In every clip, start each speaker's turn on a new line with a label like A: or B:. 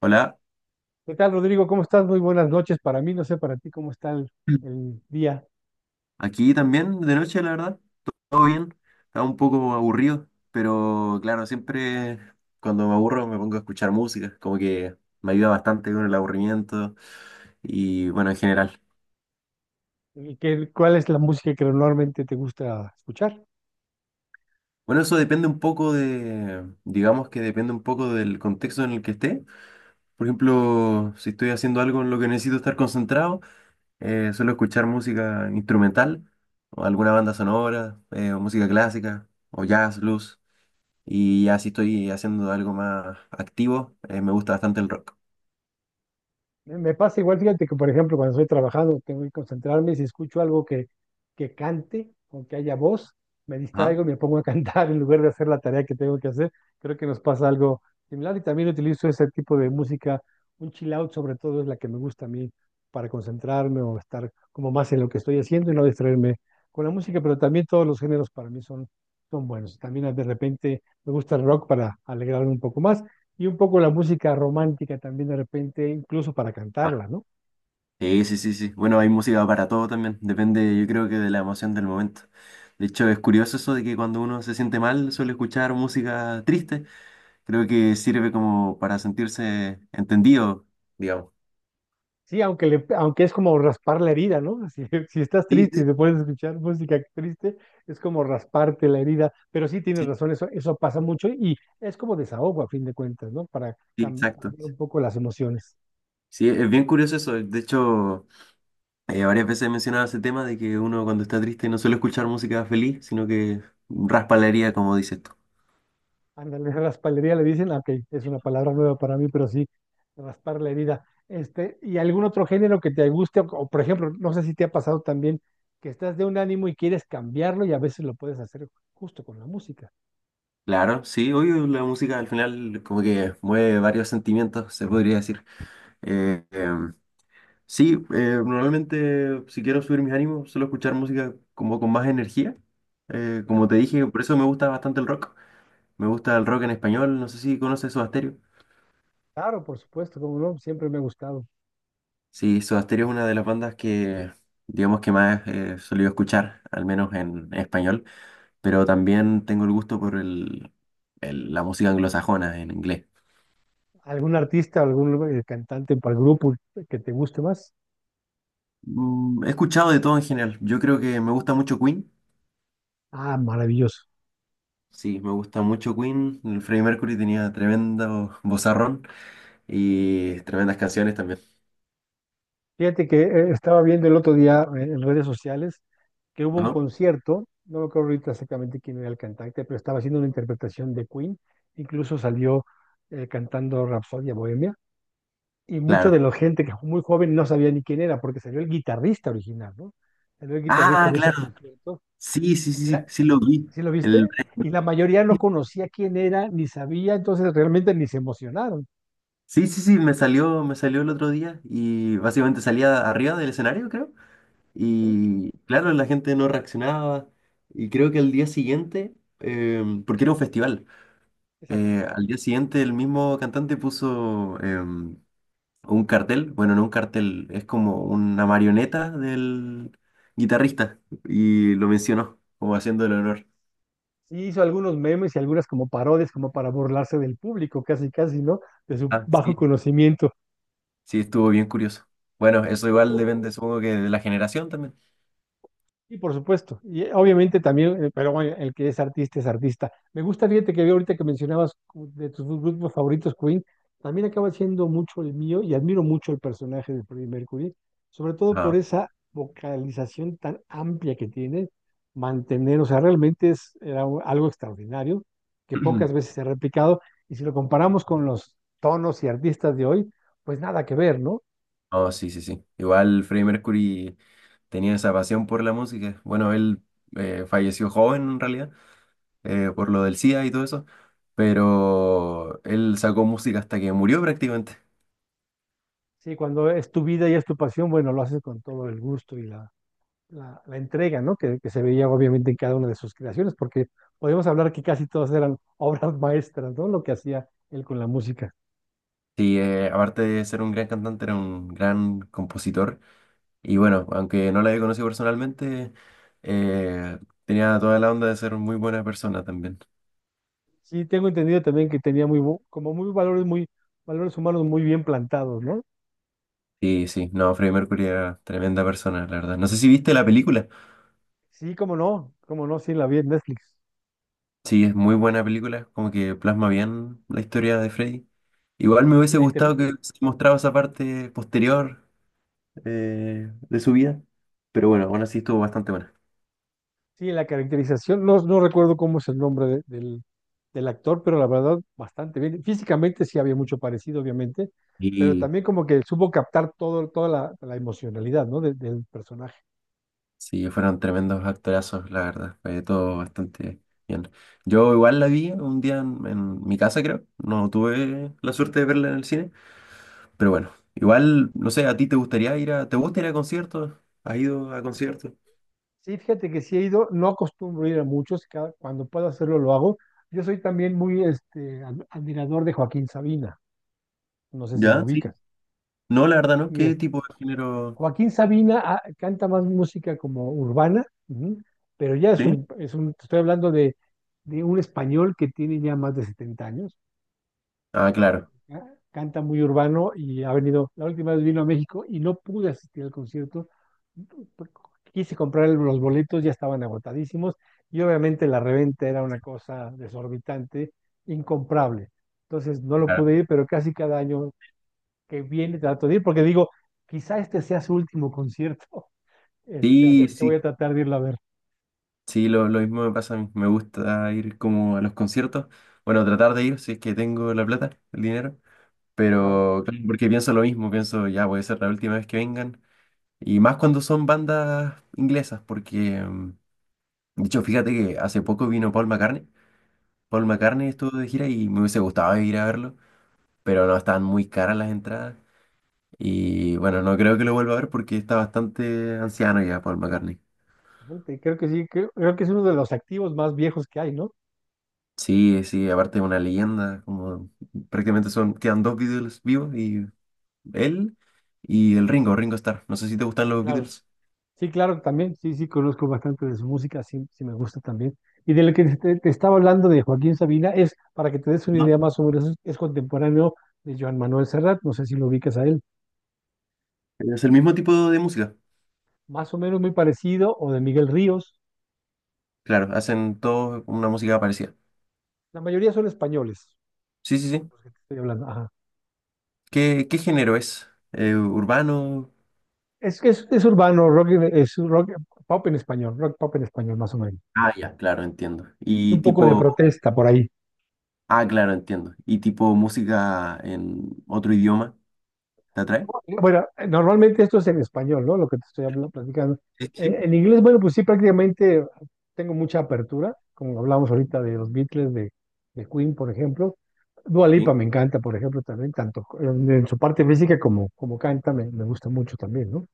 A: Hola.
B: ¿Qué tal, Rodrigo? ¿Cómo estás? Muy buenas noches para mí. No sé para ti cómo está
A: Mm.
B: el día.
A: Aquí también de noche, la verdad. Todo bien. Estaba un poco aburrido, pero claro, siempre cuando me aburro me pongo a escuchar música, como que me ayuda bastante con el aburrimiento y bueno, en general.
B: ¿Y cuál es la música que normalmente te gusta escuchar?
A: Bueno, eso depende un poco de, digamos que depende un poco del contexto en el que esté. Por ejemplo, si estoy haciendo algo en lo que necesito estar concentrado, suelo escuchar música instrumental o alguna banda sonora, o música clásica o jazz, blues. Y ya si estoy haciendo algo más activo, me gusta bastante el rock.
B: Me pasa igual, fíjate que, por ejemplo, cuando estoy trabajando, tengo que concentrarme, y si escucho algo que cante o que haya voz, me
A: Ajá.
B: distraigo y me pongo a cantar en lugar de hacer la tarea que tengo que hacer. Creo que nos pasa algo similar y también utilizo ese tipo de música, un chill out sobre todo es la que me gusta a mí para concentrarme o estar como más en lo que estoy haciendo y no distraerme con la música, pero también todos los géneros para mí son buenos. También de repente me gusta el rock para alegrarme un poco más. Y un poco la música romántica también de repente, incluso para
A: Ah.
B: cantarla, ¿no?
A: Sí, sí, sí. Bueno, hay música para todo también. Depende, yo creo que de la emoción del momento. De hecho, es curioso eso de que cuando uno se siente mal suele escuchar música triste. Creo que sirve como para sentirse entendido, digamos.
B: Sí, aunque es como raspar la herida, ¿no? Si, si estás
A: Sí,
B: triste
A: sí,
B: y te puedes escuchar música triste, es como rasparte la herida. Pero sí tienes
A: sí.
B: razón, eso pasa mucho y es como desahogo a fin de cuentas, ¿no? Para
A: Sí, exacto.
B: cambiar un poco las emociones.
A: Sí, es bien curioso eso. De hecho, varias veces he mencionado ese tema de que uno cuando está triste no suele escuchar música feliz, sino que raspa la herida, como dices tú.
B: Ándale, raspalería le dicen, ah, ok, es una palabra nueva para mí, pero sí, raspar la herida. Este, ¿y algún otro género que te guste? Por ejemplo, no sé si te ha pasado también que estás de un ánimo y quieres cambiarlo y a veces lo puedes hacer justo con la música,
A: Claro, sí, obvio, la música al final como que mueve varios sentimientos, se podría decir. Eh, em, sí, normalmente si quiero subir mis ánimos, suelo escuchar música como con más energía.
B: ¿no?
A: Como te dije, por eso me gusta bastante el rock. Me gusta el rock en español, no sé si conoces Soda Stereo.
B: Claro, por supuesto, como no, siempre me ha gustado.
A: Sí, Soda Stereo es una de las bandas que, digamos que más solía escuchar, al menos en español, pero también tengo el gusto por la música anglosajona en inglés.
B: ¿Algún artista, algún cantante para el grupo que te guste más?
A: Mm, he escuchado de todo en general. Yo creo que me gusta mucho Queen.
B: Ah, maravilloso.
A: Sí, me gusta mucho Queen. El Freddie Mercury tenía tremendo vozarrón y tremendas canciones también.
B: Fíjate que estaba viendo el otro día en redes sociales que hubo un
A: Ajá.
B: concierto, no me acuerdo ahorita exactamente quién era el cantante, pero estaba haciendo una interpretación de Queen, incluso salió cantando Rapsodia Bohemia, y mucha de
A: Claro.
B: la gente que muy joven no sabía ni quién era, porque salió el guitarrista original, ¿no? Salió el guitarrista
A: Ah,
B: en ese
A: claro.
B: concierto,
A: Sí, sí,
B: y
A: sí, sí, sí lo vi.
B: ¿sí lo
A: El...
B: viste? Y la mayoría no conocía quién era, ni sabía, entonces realmente ni se emocionaron.
A: Sí, sí, sí, me salió el otro día y básicamente salía arriba del escenario, creo. Y claro, la gente no reaccionaba. Y creo que al día siguiente, porque era un festival,
B: ¿Sí?
A: al día siguiente el mismo cantante puso un cartel, bueno, no un cartel, es como una marioneta del guitarrista y lo mencionó como haciendo el honor.
B: Sí, hizo algunos memes y algunas como parodias, como para burlarse del público, casi, casi, ¿no? De su
A: Ah,
B: bajo
A: sí.
B: conocimiento.
A: Sí, estuvo bien curioso. Bueno, eso
B: Sí,
A: igual depende, supongo que de la generación también.
B: y por supuesto, y obviamente también, pero bueno, el que es artista es artista. Me gusta, fíjate que vi ahorita que mencionabas de tus grupos favoritos, Queen, también acaba siendo mucho el mío y admiro mucho el personaje de Freddie Mercury, sobre todo por
A: Ajá.
B: esa vocalización tan amplia que tiene, mantener, o sea, realmente algo extraordinario que pocas veces se ha replicado y si lo comparamos con los tonos y artistas de hoy, pues nada que ver, ¿no?
A: Oh, sí, sí, sí. Igual Freddie Mercury tenía esa pasión por la música. Bueno, él falleció joven en realidad, por lo del SIDA y todo eso, pero él sacó música hasta que murió prácticamente.
B: Sí, cuando es tu vida y es tu pasión, bueno, lo haces con todo el gusto y la entrega, ¿no? Que se veía obviamente en cada una de sus creaciones, porque podemos hablar que casi todas eran obras maestras, ¿no? Lo que hacía él con la música.
A: Sí, aparte de ser un gran cantante, era un gran compositor. Y bueno, aunque no la había conocido personalmente, eh, tenía toda la onda de ser muy buena persona también.
B: Sí, tengo entendido también que tenía como muy, valores humanos muy bien plantados, ¿no?
A: Sí, sí, no, Freddie Mercury era tremenda persona, la verdad. No sé si viste la película.
B: Sí, cómo no, sí, la vi en Netflix.
A: Sí, es muy buena película, como que plasma bien la historia de Freddie. Igual me
B: Y
A: hubiese gustado que se mostraba esa parte posterior de su vida, pero bueno, aún así estuvo bastante buena.
B: sí, la caracterización, no, no recuerdo cómo es el nombre del, del actor, pero la verdad, bastante bien. Físicamente sí había mucho parecido, obviamente, pero
A: Y
B: también como que supo captar todo, toda la emocionalidad, ¿no? Del personaje.
A: sí, fueron tremendos actorazos, la verdad. Fue todo bastante bien. Yo igual la vi un día en mi casa, creo. No tuve la suerte de verla en el cine. Pero bueno, igual, no sé, ¿a ti te gustaría ir a...? ¿Te gusta ir a conciertos? ¿Has ido a conciertos?
B: Sí, fíjate que sí he ido, no acostumbro ir a muchos, cuando puedo hacerlo lo hago. Yo soy también muy este, admirador de Joaquín Sabina, no sé si lo
A: ¿Ya? Sí.
B: ubicas.
A: No, la verdad no.
B: Y
A: ¿Qué
B: es,
A: tipo de género?
B: Joaquín Sabina ah, canta más música como urbana, ujú, pero ya
A: ¿Sí?
B: te estoy hablando de un español que tiene ya más de 70 años,
A: Ah, claro.
B: canta muy urbano y ha venido, la última vez vino a México y no pude asistir al concierto. Quise comprar los boletos, ya estaban agotadísimos y obviamente la reventa era una cosa desorbitante, incomprable. Entonces no lo
A: Claro.
B: pude ir, pero casi cada año que viene trato de ir porque digo, quizá este sea su último concierto. Este, así
A: Sí,
B: es que voy
A: sí.
B: a tratar de irlo a ver.
A: Sí, lo mismo me pasa a mí. Me gusta ir como a los conciertos. Bueno, tratar de ir si es que tengo la plata, el dinero.
B: Claro.
A: Pero claro, porque pienso lo mismo, pienso ya puede ser la última vez que vengan. Y más cuando son bandas inglesas, porque de hecho, fíjate que hace poco vino Paul McCartney. Paul
B: Sí.
A: McCartney estuvo de gira y me hubiese gustado ir a verlo, pero no estaban muy caras las entradas. Y bueno, no creo que lo vuelva a ver porque está bastante anciano ya Paul McCartney.
B: Sí, creo que sí, creo que es uno de los activos más viejos que hay, ¿no?
A: Sí, sí, aparte es una leyenda, como prácticamente son, quedan dos Beatles vivos y él y el Ringo, Ringo Starr. No sé si te gustan los
B: Claro.
A: Beatles.
B: Sí, claro, también, sí, sí, conozco bastante de su música, sí, sí me gusta también. Y de lo que te estaba hablando de Joaquín Sabina es, para que te des una idea más o menos, es contemporáneo de Joan Manuel Serrat, no sé si lo ubicas a él,
A: ¿Es el mismo tipo de música?
B: más o menos muy parecido, o de Miguel Ríos,
A: Claro, hacen todos una música parecida.
B: la mayoría son españoles,
A: Sí, sí, sí.
B: los que te estoy hablando, ajá.
A: ¿Qué, qué género es? ¿Urbano?
B: Es es urbano, rock, es rock, pop en español, rock pop en español, más o menos.
A: Ah, ya, claro, entiendo.
B: Y
A: Y
B: un poco de
A: tipo,
B: protesta por ahí.
A: ah, claro, entiendo. Y tipo música en otro idioma, ¿te atrae?
B: Bueno, normalmente esto es en español, ¿no? Lo que te estoy hablando, platicando.
A: Sí, sí,
B: En inglés, bueno, pues sí, prácticamente tengo mucha apertura, como hablamos ahorita de los Beatles, de Queen, por ejemplo. Dua Lipa
A: sí,
B: me encanta, por ejemplo, también, tanto en su parte física como, como canta, me gusta mucho también, ¿no?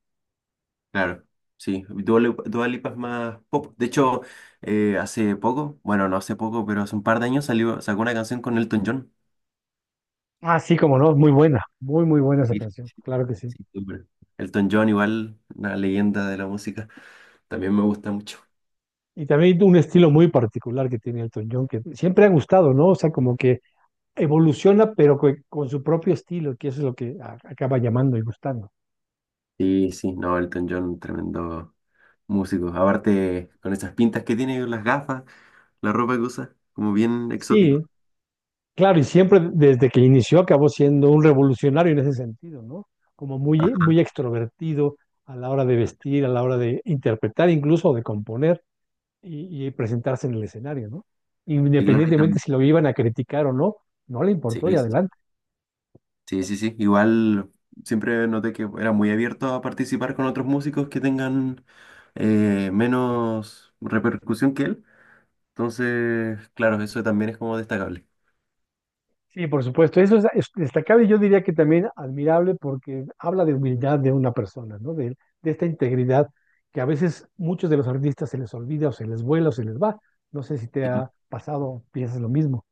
A: claro. Sí, Dua Lipa es más pop. De hecho, hace poco, bueno, no hace poco, pero hace un par de años salió, sacó una canción con Elton John.
B: Ah, sí, como no, es muy buena, muy, muy buena esa
A: Sí,
B: canción, claro que sí.
A: sí, súper. Elton John, igual, una leyenda de la música. También me gusta mucho.
B: Y también un estilo muy particular que tiene Elton John, que siempre ha gustado, ¿no? O sea, como que evoluciona, pero con, su propio estilo, que eso es lo que acaba llamando y gustando.
A: Sí, sí, no, Elton John, tremendo músico. Aparte, con esas pintas que tiene, las gafas, la ropa que usa, como bien exótico.
B: Sí, claro, y siempre desde que inició acabó siendo un revolucionario en ese sentido, ¿no? Como muy,
A: Ajá,
B: muy extrovertido a la hora de vestir, a la hora de interpretar, incluso de componer y presentarse en el escenario, ¿no?
A: sí, claro,
B: Independientemente si lo iban a criticar o no, no le
A: sí,
B: importó y
A: sí, sí,
B: adelante.
A: sí, sí. Sí. Igual siempre noté que era muy abierto a participar con otros músicos que tengan menos repercusión que él. Entonces, claro, eso también es como destacable.
B: Sí, por supuesto. Eso es destacable y yo diría que también admirable porque habla de humildad de una persona, ¿no? De esta integridad que a veces muchos de los artistas se les olvida o se les vuela o se les va. No sé si te
A: Sí,
B: ha pasado o piensas lo mismo.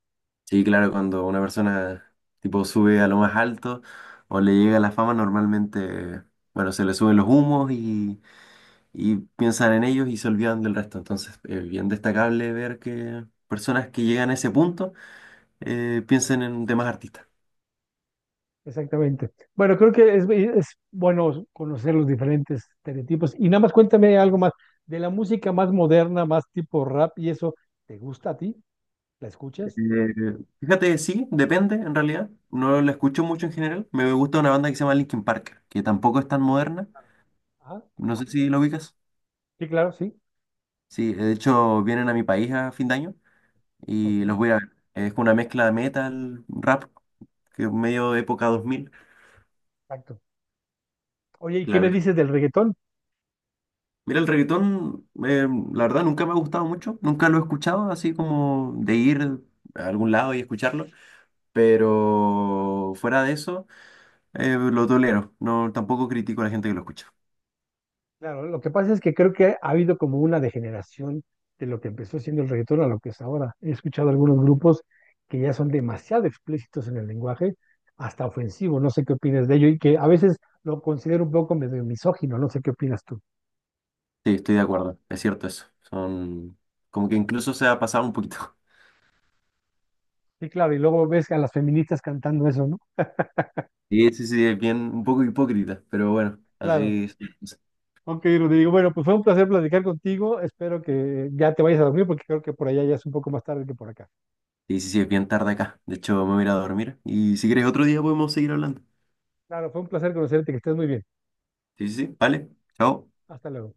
A: sí, claro, cuando una persona tipo sube a lo más alto o le llega la fama, normalmente, bueno, se le suben los humos y piensan en ellos y se olvidan del resto. Entonces, es bien destacable ver que personas que llegan a ese punto piensen en demás artistas.
B: Exactamente. Bueno, creo que es bueno conocer los diferentes estereotipos. Y nada más cuéntame algo más de la música más moderna, más tipo rap y eso. ¿Te gusta a ti? ¿La
A: Eh,
B: escuchas?
A: fíjate, sí, depende en realidad. No la escucho mucho en general. Me gusta una banda que se llama Linkin Park, que tampoco es tan moderna.
B: Ah,
A: No sé si lo ubicas.
B: sí, claro, sí.
A: Sí, de hecho vienen a mi país a fin de año
B: Ok,
A: y los voy a ver. Es una mezcla de metal, rap, que es medio época 2000.
B: exacto. Oye, ¿y qué me
A: Claro,
B: dices del reggaetón?
A: mira, el reggaetón, la verdad, nunca me ha gustado mucho, nunca lo he escuchado, así como de ir a algún lado y escucharlo, pero fuera de eso, lo tolero, no, tampoco critico a la gente que lo escucha.
B: Claro, lo que pasa es que creo que ha habido como una degeneración de lo que empezó siendo el reggaetón a lo que es ahora. He escuchado algunos grupos que ya son demasiado explícitos en el lenguaje, hasta ofensivo, no sé qué opinas de ello, y que a veces lo considero un poco medio misógino, no sé qué opinas tú.
A: Sí, estoy de acuerdo, es cierto eso, son como que incluso se ha pasado un poquito.
B: Sí, claro, y luego ves a las feministas cantando eso, ¿no?
A: Sí, sí, sí, es bien, un poco hipócrita, pero bueno,
B: Claro.
A: así es.
B: Ok, Rodrigo, bueno, pues fue un placer platicar contigo, espero que ya te vayas a dormir porque creo que por allá ya es un poco más tarde que por acá.
A: Sí, sí, sí, es bien tarde acá, de hecho me voy a ir a dormir y si quieres otro día podemos seguir hablando.
B: Claro, fue un placer conocerte, que estés muy bien.
A: Sí, sí, sí, vale, chao.
B: Hasta luego.